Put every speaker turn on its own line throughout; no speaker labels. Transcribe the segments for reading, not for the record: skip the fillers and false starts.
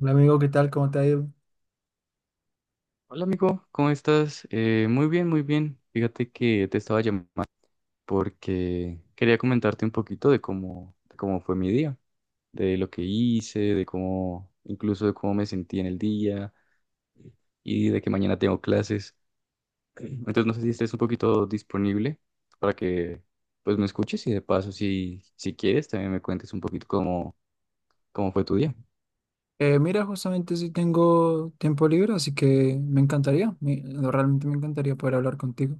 Hola amigo, ¿qué tal? ¿Cómo te ha ido?
Hola amigo, ¿cómo estás? Muy bien, muy bien. Fíjate que te estaba llamando porque quería comentarte un poquito de cómo fue mi día, de lo que hice, de cómo, incluso de cómo me sentí en el día y de que mañana tengo clases. Entonces no sé si estés un poquito disponible para que pues me escuches y de paso si quieres también me cuentes un poquito cómo fue tu día.
Mira, justamente si tengo tiempo libre, así que me encantaría, realmente me encantaría poder hablar contigo.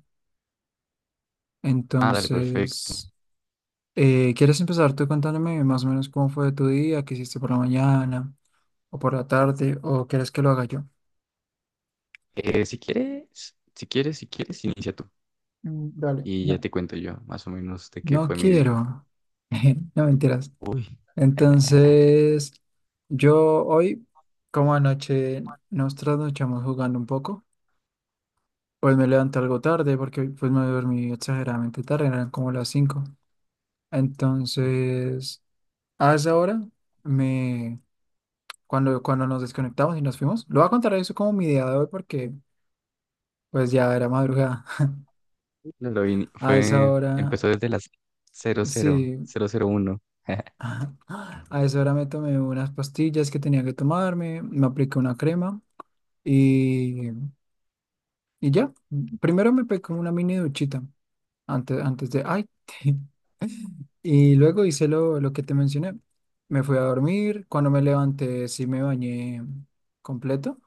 Ah, dale, perfecto.
Entonces, ¿quieres empezar tú contándome más o menos cómo fue tu día, qué hiciste por la mañana o por la tarde, o quieres que lo haga yo?
Si quieres, inicia tú.
Mm, dale.
Y ya
No,
te cuento yo, más o menos, de qué
no
fue mi día.
quiero. No, mentiras.
Uy,
Entonces, yo hoy, como anoche, nos trasnochamos jugando un poco. Pues me levanté algo tarde porque pues me dormí exageradamente tarde, eran como las cinco.
uf,
Entonces, a esa hora, me, cuando nos desconectamos y nos fuimos, lo voy a contar eso como mi día de hoy porque pues ya era madrugada.
no, lo vi- ni-
A esa
fue,
hora,
empezó desde las cero cero
sí,
cero 001.
a esa hora me tomé unas pastillas que tenía que tomarme, me apliqué una crema y, y ya. Primero me pegué como una mini duchita antes, ay. Y luego hice lo que te mencioné. Me fui a dormir. Cuando me levanté, sí me bañé completo,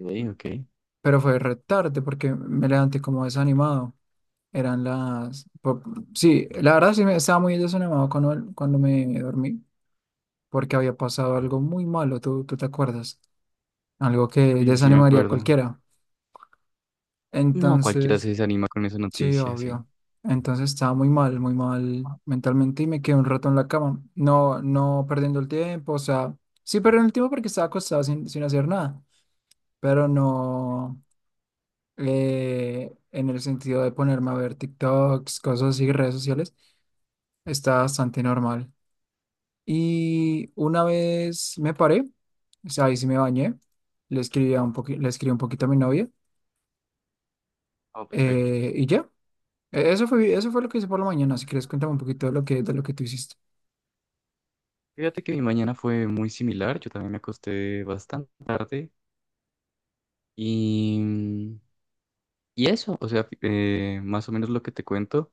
Ok, ok.
pero fue re tarde porque me levanté como desanimado. Eran las... po- Sí, la verdad sí me estaba muy desanimado cuando me dormí porque había pasado algo muy malo. ¿Tú te acuerdas? Algo que
Sí, sí, me
desanimaría a
acuerdo.
cualquiera.
No, cualquiera se
Entonces...
desanima con esa
Sí,
noticia, sí.
obvio. Entonces estaba muy mal mentalmente y me quedé un rato en la cama. No, no perdiendo el tiempo, o sea, sí perdiendo el tiempo porque estaba acostado sin hacer nada, pero no, en el sentido de ponerme a ver TikToks, cosas así, redes sociales, está bastante normal. Y una vez me paré, o sea, ahí sí me bañé, le escribí un poquito a mi novia,
Oh, perfecto.
y ya. Eso fue lo que hice por la mañana. Si quieres, cuéntame un poquito de de lo que tú hiciste.
Fíjate que mi mañana fue muy similar. Yo también me acosté bastante tarde. Y, mm, y eso, o sea, más o menos lo que te cuento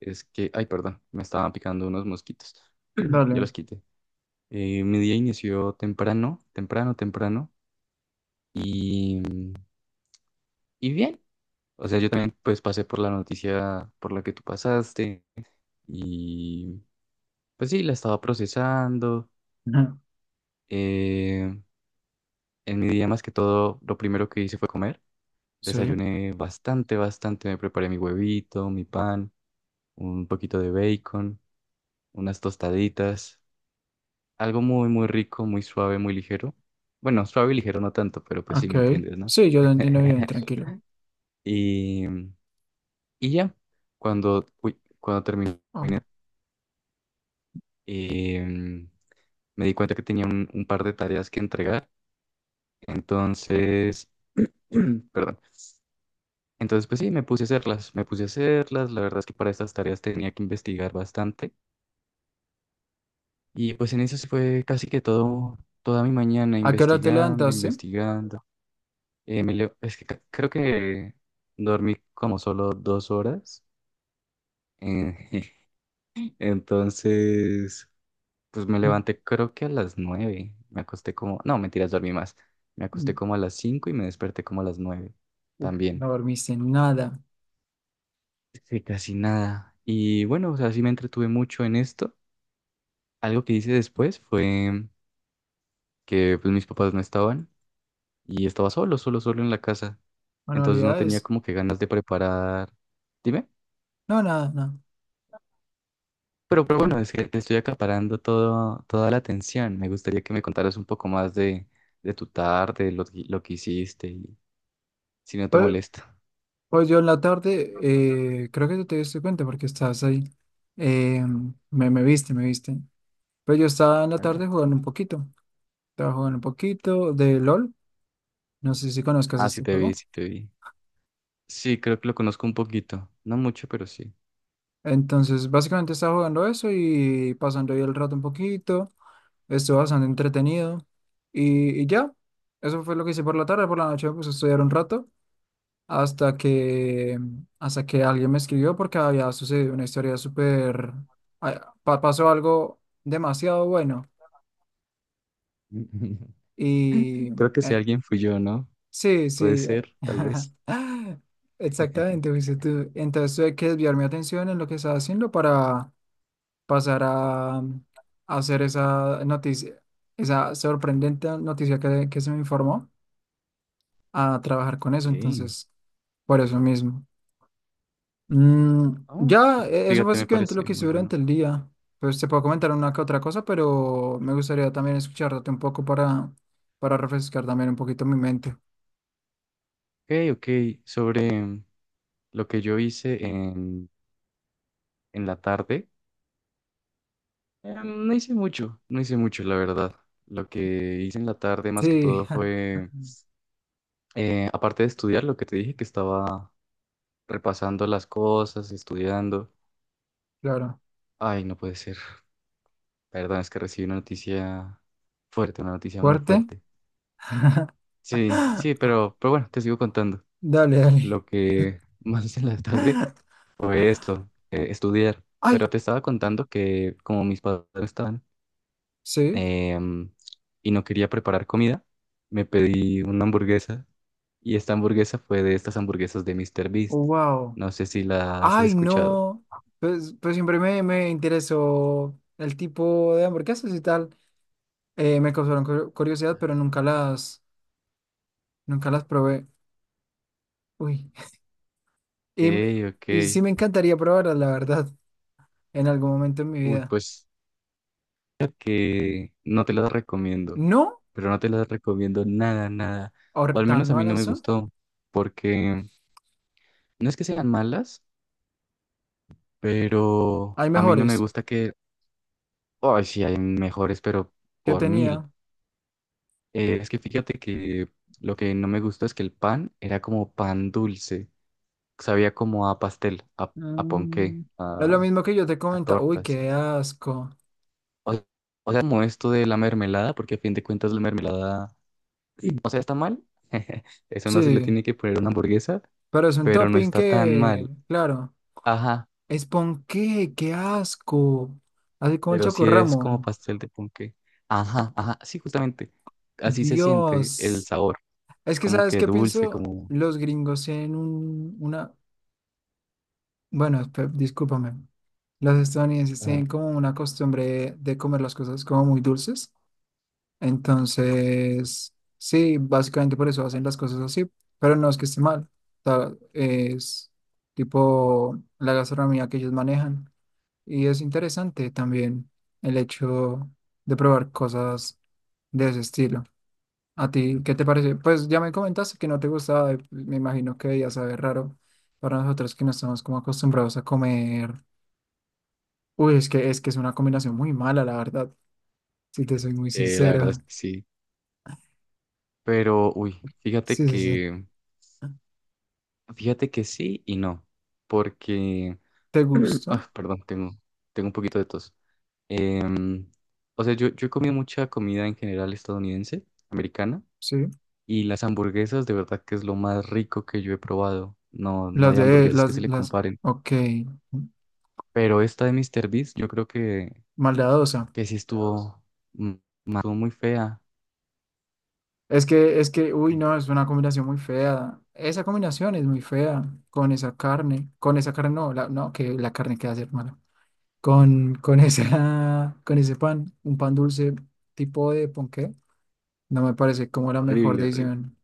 es que, ay, perdón, me estaban picando unos mosquitos. Ya
Dale.
los quité. Mi día inició temprano, temprano, temprano y, y bien. O sea, yo también pues pasé por la noticia por la que tú pasaste y pues sí, la estaba procesando.
Ajá.
Eh, en mi día más que todo, lo primero que hice fue comer.
Sí,
Desayuné bastante, bastante. Me preparé mi huevito, mi pan, un poquito de bacon, unas tostaditas. Algo muy, muy rico, muy suave, muy ligero. Bueno, suave y ligero no tanto, pero pues sí me
ok.
entiendes, ¿no?
Sí, yo te entiendo bien, tranquilo.
Y, y ya, cuando terminé,
Ah,
eh, me di cuenta que tenía un par de tareas que entregar. Entonces, perdón. Entonces, pues sí, me puse a hacerlas, me puse a hacerlas. La verdad es que para estas tareas tenía que investigar bastante. Y pues en eso se fue casi que todo, toda mi mañana
¿a qué hora te
investigando,
levantaste?
investigando. Me leo- es que ca- Creo que dormí como solo dos horas. eh, entonces. Pues me levanté creo que a las nueve. Me acosté como, no, mentiras, dormí más. Me acosté
Mm,
como a las cinco y me desperté como a las nueve
uf,
también.
no dormiste nada.
Sí, casi nada. Y bueno, o sea, sí me entretuve mucho en esto. Algo que hice después fue que pues mis papás no estaban y estaba solo, solo, solo en la casa. Entonces no tenía
¿Manualidades?
como que ganas de preparar. Dime.
No, nada, nada.
Pero bueno, es que te estoy acaparando todo, toda la atención. Me gustaría que me contaras un poco más de tu tarde, lo que hiciste y si no te
Pues,
molesta.
pues yo en la tarde, creo que tú te diste cuenta porque estabas ahí. Eh, me viste, me viste. Pues yo estaba en la tarde jugando un poquito. Estaba jugando un poquito de LOL. No sé si conozcas
Ah, sí
este
te vi,
juego.
sí te vi. Sí, creo que lo conozco un poquito. No mucho, pero sí.
Entonces, básicamente estaba jugando eso y pasando ahí el rato un poquito. Estuvo bastante entretenido. Y ya, eso fue lo que hice por la tarde. Por la noche me puse a estudiar un rato hasta que, hasta que alguien me escribió porque había sucedido una historia súper... ah, pasó algo demasiado bueno. Y
Creo que si
eh,
alguien fui yo, ¿no?
sí,
Puede
sí.
ser, tal vez.
Exactamente, fuiste tú. Entonces tuve que desviar mi atención en lo que estaba haciendo para pasar a hacer esa noticia, esa sorprendente noticia que se me informó, a trabajar con eso,
Sí.
entonces, por eso mismo. Mm,
Ah,
ya,
pues,
eso fue
fíjate, me
básicamente lo
parece
que hice
muy bueno.
durante el día. Pues te puedo comentar una que otra cosa, pero me gustaría también escucharte un poco para refrescar también un poquito mi mente.
Ok, ok. Sobre lo que yo hice en la tarde, no hice mucho, no hice mucho, la verdad. Lo que hice en la tarde más que
Sí,
todo fue, aparte de estudiar, lo que te dije que estaba repasando las cosas, estudiando.
claro.
Ay, no puede ser. Perdón, es que recibí una noticia fuerte, una noticia muy
¿Fuerte?
fuerte. Sí, sí, pero bueno, te sigo contando.
Dale, dale.
Lo que más hice en la tarde fue esto, estudiar.
Ay,
Pero te estaba contando que como mis padres no estaban
sí.
em, y no quería preparar comida, me pedí una hamburguesa y esta hamburguesa fue de estas hamburguesas de Mr. Beast.
Wow.
No sé si las has
Ay,
escuchado.
no. Pues siempre me interesó el tipo de hamburguesas y tal. Me causaron curiosidad,
Ya.
pero nunca las... nunca las probé. Uy.
Ok,
Y, y
ok.
sí me encantaría probarlas, la verdad, en algún momento en mi
Uy,
vida.
pues que no te las recomiendo,
No,
pero no te las recomiendo nada, nada. O al
tan
menos a mí no
malas
me
son.
gustó, porque no es que sean malas, pero
Hay
a mí no me
mejores
gusta que, ay, sí, hay mejores, pero
que
por mil.
tenía.
Es que fíjate que lo que no me gustó es que el pan era como pan dulce, sabía como a pastel, a
Mm,
ponqué,
es lo
a,
mismo que yo te
a
comentaba. Uy,
torta, sí.
qué asco.
O, o sea, como esto de la mermelada, porque a fin de cuentas la mermelada. Y, o sea, está mal. Eso no se le
Sí,
tiene que poner una hamburguesa,
pero es un
pero no
topping
está tan
que,
mal.
claro,
Ajá,
es ponqué, qué asco. Así como el
pero sí es como
chocorramo.
pastel de ponqué. Ajá, ajá, sí, justamente. Así se siente el
Dios.
sabor,
Es que,
como
¿sabes
que
qué
dulce,
pienso?
como.
Los gringos tienen bueno, discúlpame. Los estadounidenses
Ajá.
tienen como una costumbre de comer las cosas como muy dulces. Entonces, sí, básicamente por eso hacen las cosas así. Pero no es que esté mal. Es tipo la gastronomía que ellos manejan. Y es interesante también el hecho de probar cosas de ese estilo. ¿A ti qué te parece? Pues ya me comentaste que no te gustaba, y me imagino que ya sabe raro para nosotros que no estamos como acostumbrados a comer. Uy, es que, es que es una combinación muy mala, la verdad, si te soy muy
La verdad es
sincera.
que sí. Pero, uy,
Sí, sí, sí.
fíjate que sí y no, porque.
¿Te gusta?
Ah, perdón, tengo un poquito de tos. Em, o sea, yo he comido mucha comida en general estadounidense, americana.
Sí.
Y las hamburguesas, de verdad que es lo más rico que yo he probado. No, no
Las
hay
de,
hamburguesas que se le
las,
comparen.
ok,
Pero esta de Mr. Beast, yo creo que,
maldadosa.
que sí mm, estuvo muy fea.
Es que, uy,
En-
no, es una combinación muy fea. Esa combinación es muy fea con esa carne no, no, que la carne queda ser mala. Con esa, con ese pan, un pan dulce tipo de ponqué, no me parece como la mejor
Horrible, horrible.
decisión.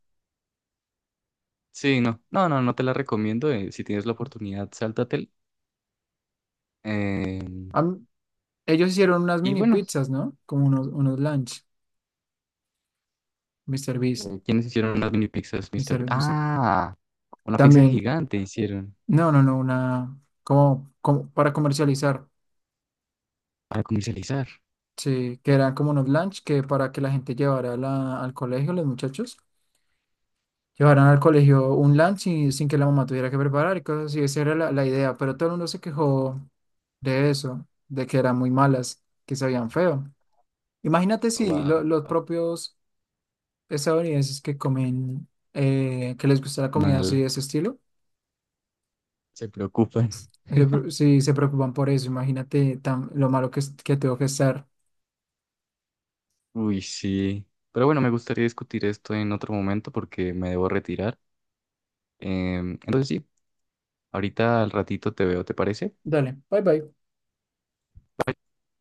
Sí, no, no, no, no te la recomiendo. Si tienes la oportunidad, sáltatela. Eh,
Am- ellos hicieron unas
y
mini
bueno,
pizzas, ¿no? Como unos, unos lunch. Mr. Beast,
eh, ¿quiénes hicieron unas mini pizzas, Mr.
Mr.
Beast?
Beast, Mr.
Ah, una pizza
También,
gigante hicieron
no, no, no, una, como, como para comercializar,
para comercializar.
sí, que eran como unos lunch que para que la gente llevara al colegio, los muchachos, llevaran al colegio un lunch sin que la mamá tuviera que preparar y cosas así, esa era la idea, pero todo el mundo se quejó de eso, de que eran muy malas, que sabían feo. Imagínate si
Wow,
los propios estadounidenses que comen, que les gusta la comida así
mal,
de ese estilo,
se preocupan.
Sí, se preocupan por eso. Imagínate tan, lo malo que, que tengo que estar.
Uy, sí. Pero bueno, me gustaría discutir esto en otro momento porque me debo retirar. Entonces sí, ahorita al ratito te veo, ¿te parece?
Dale, bye bye.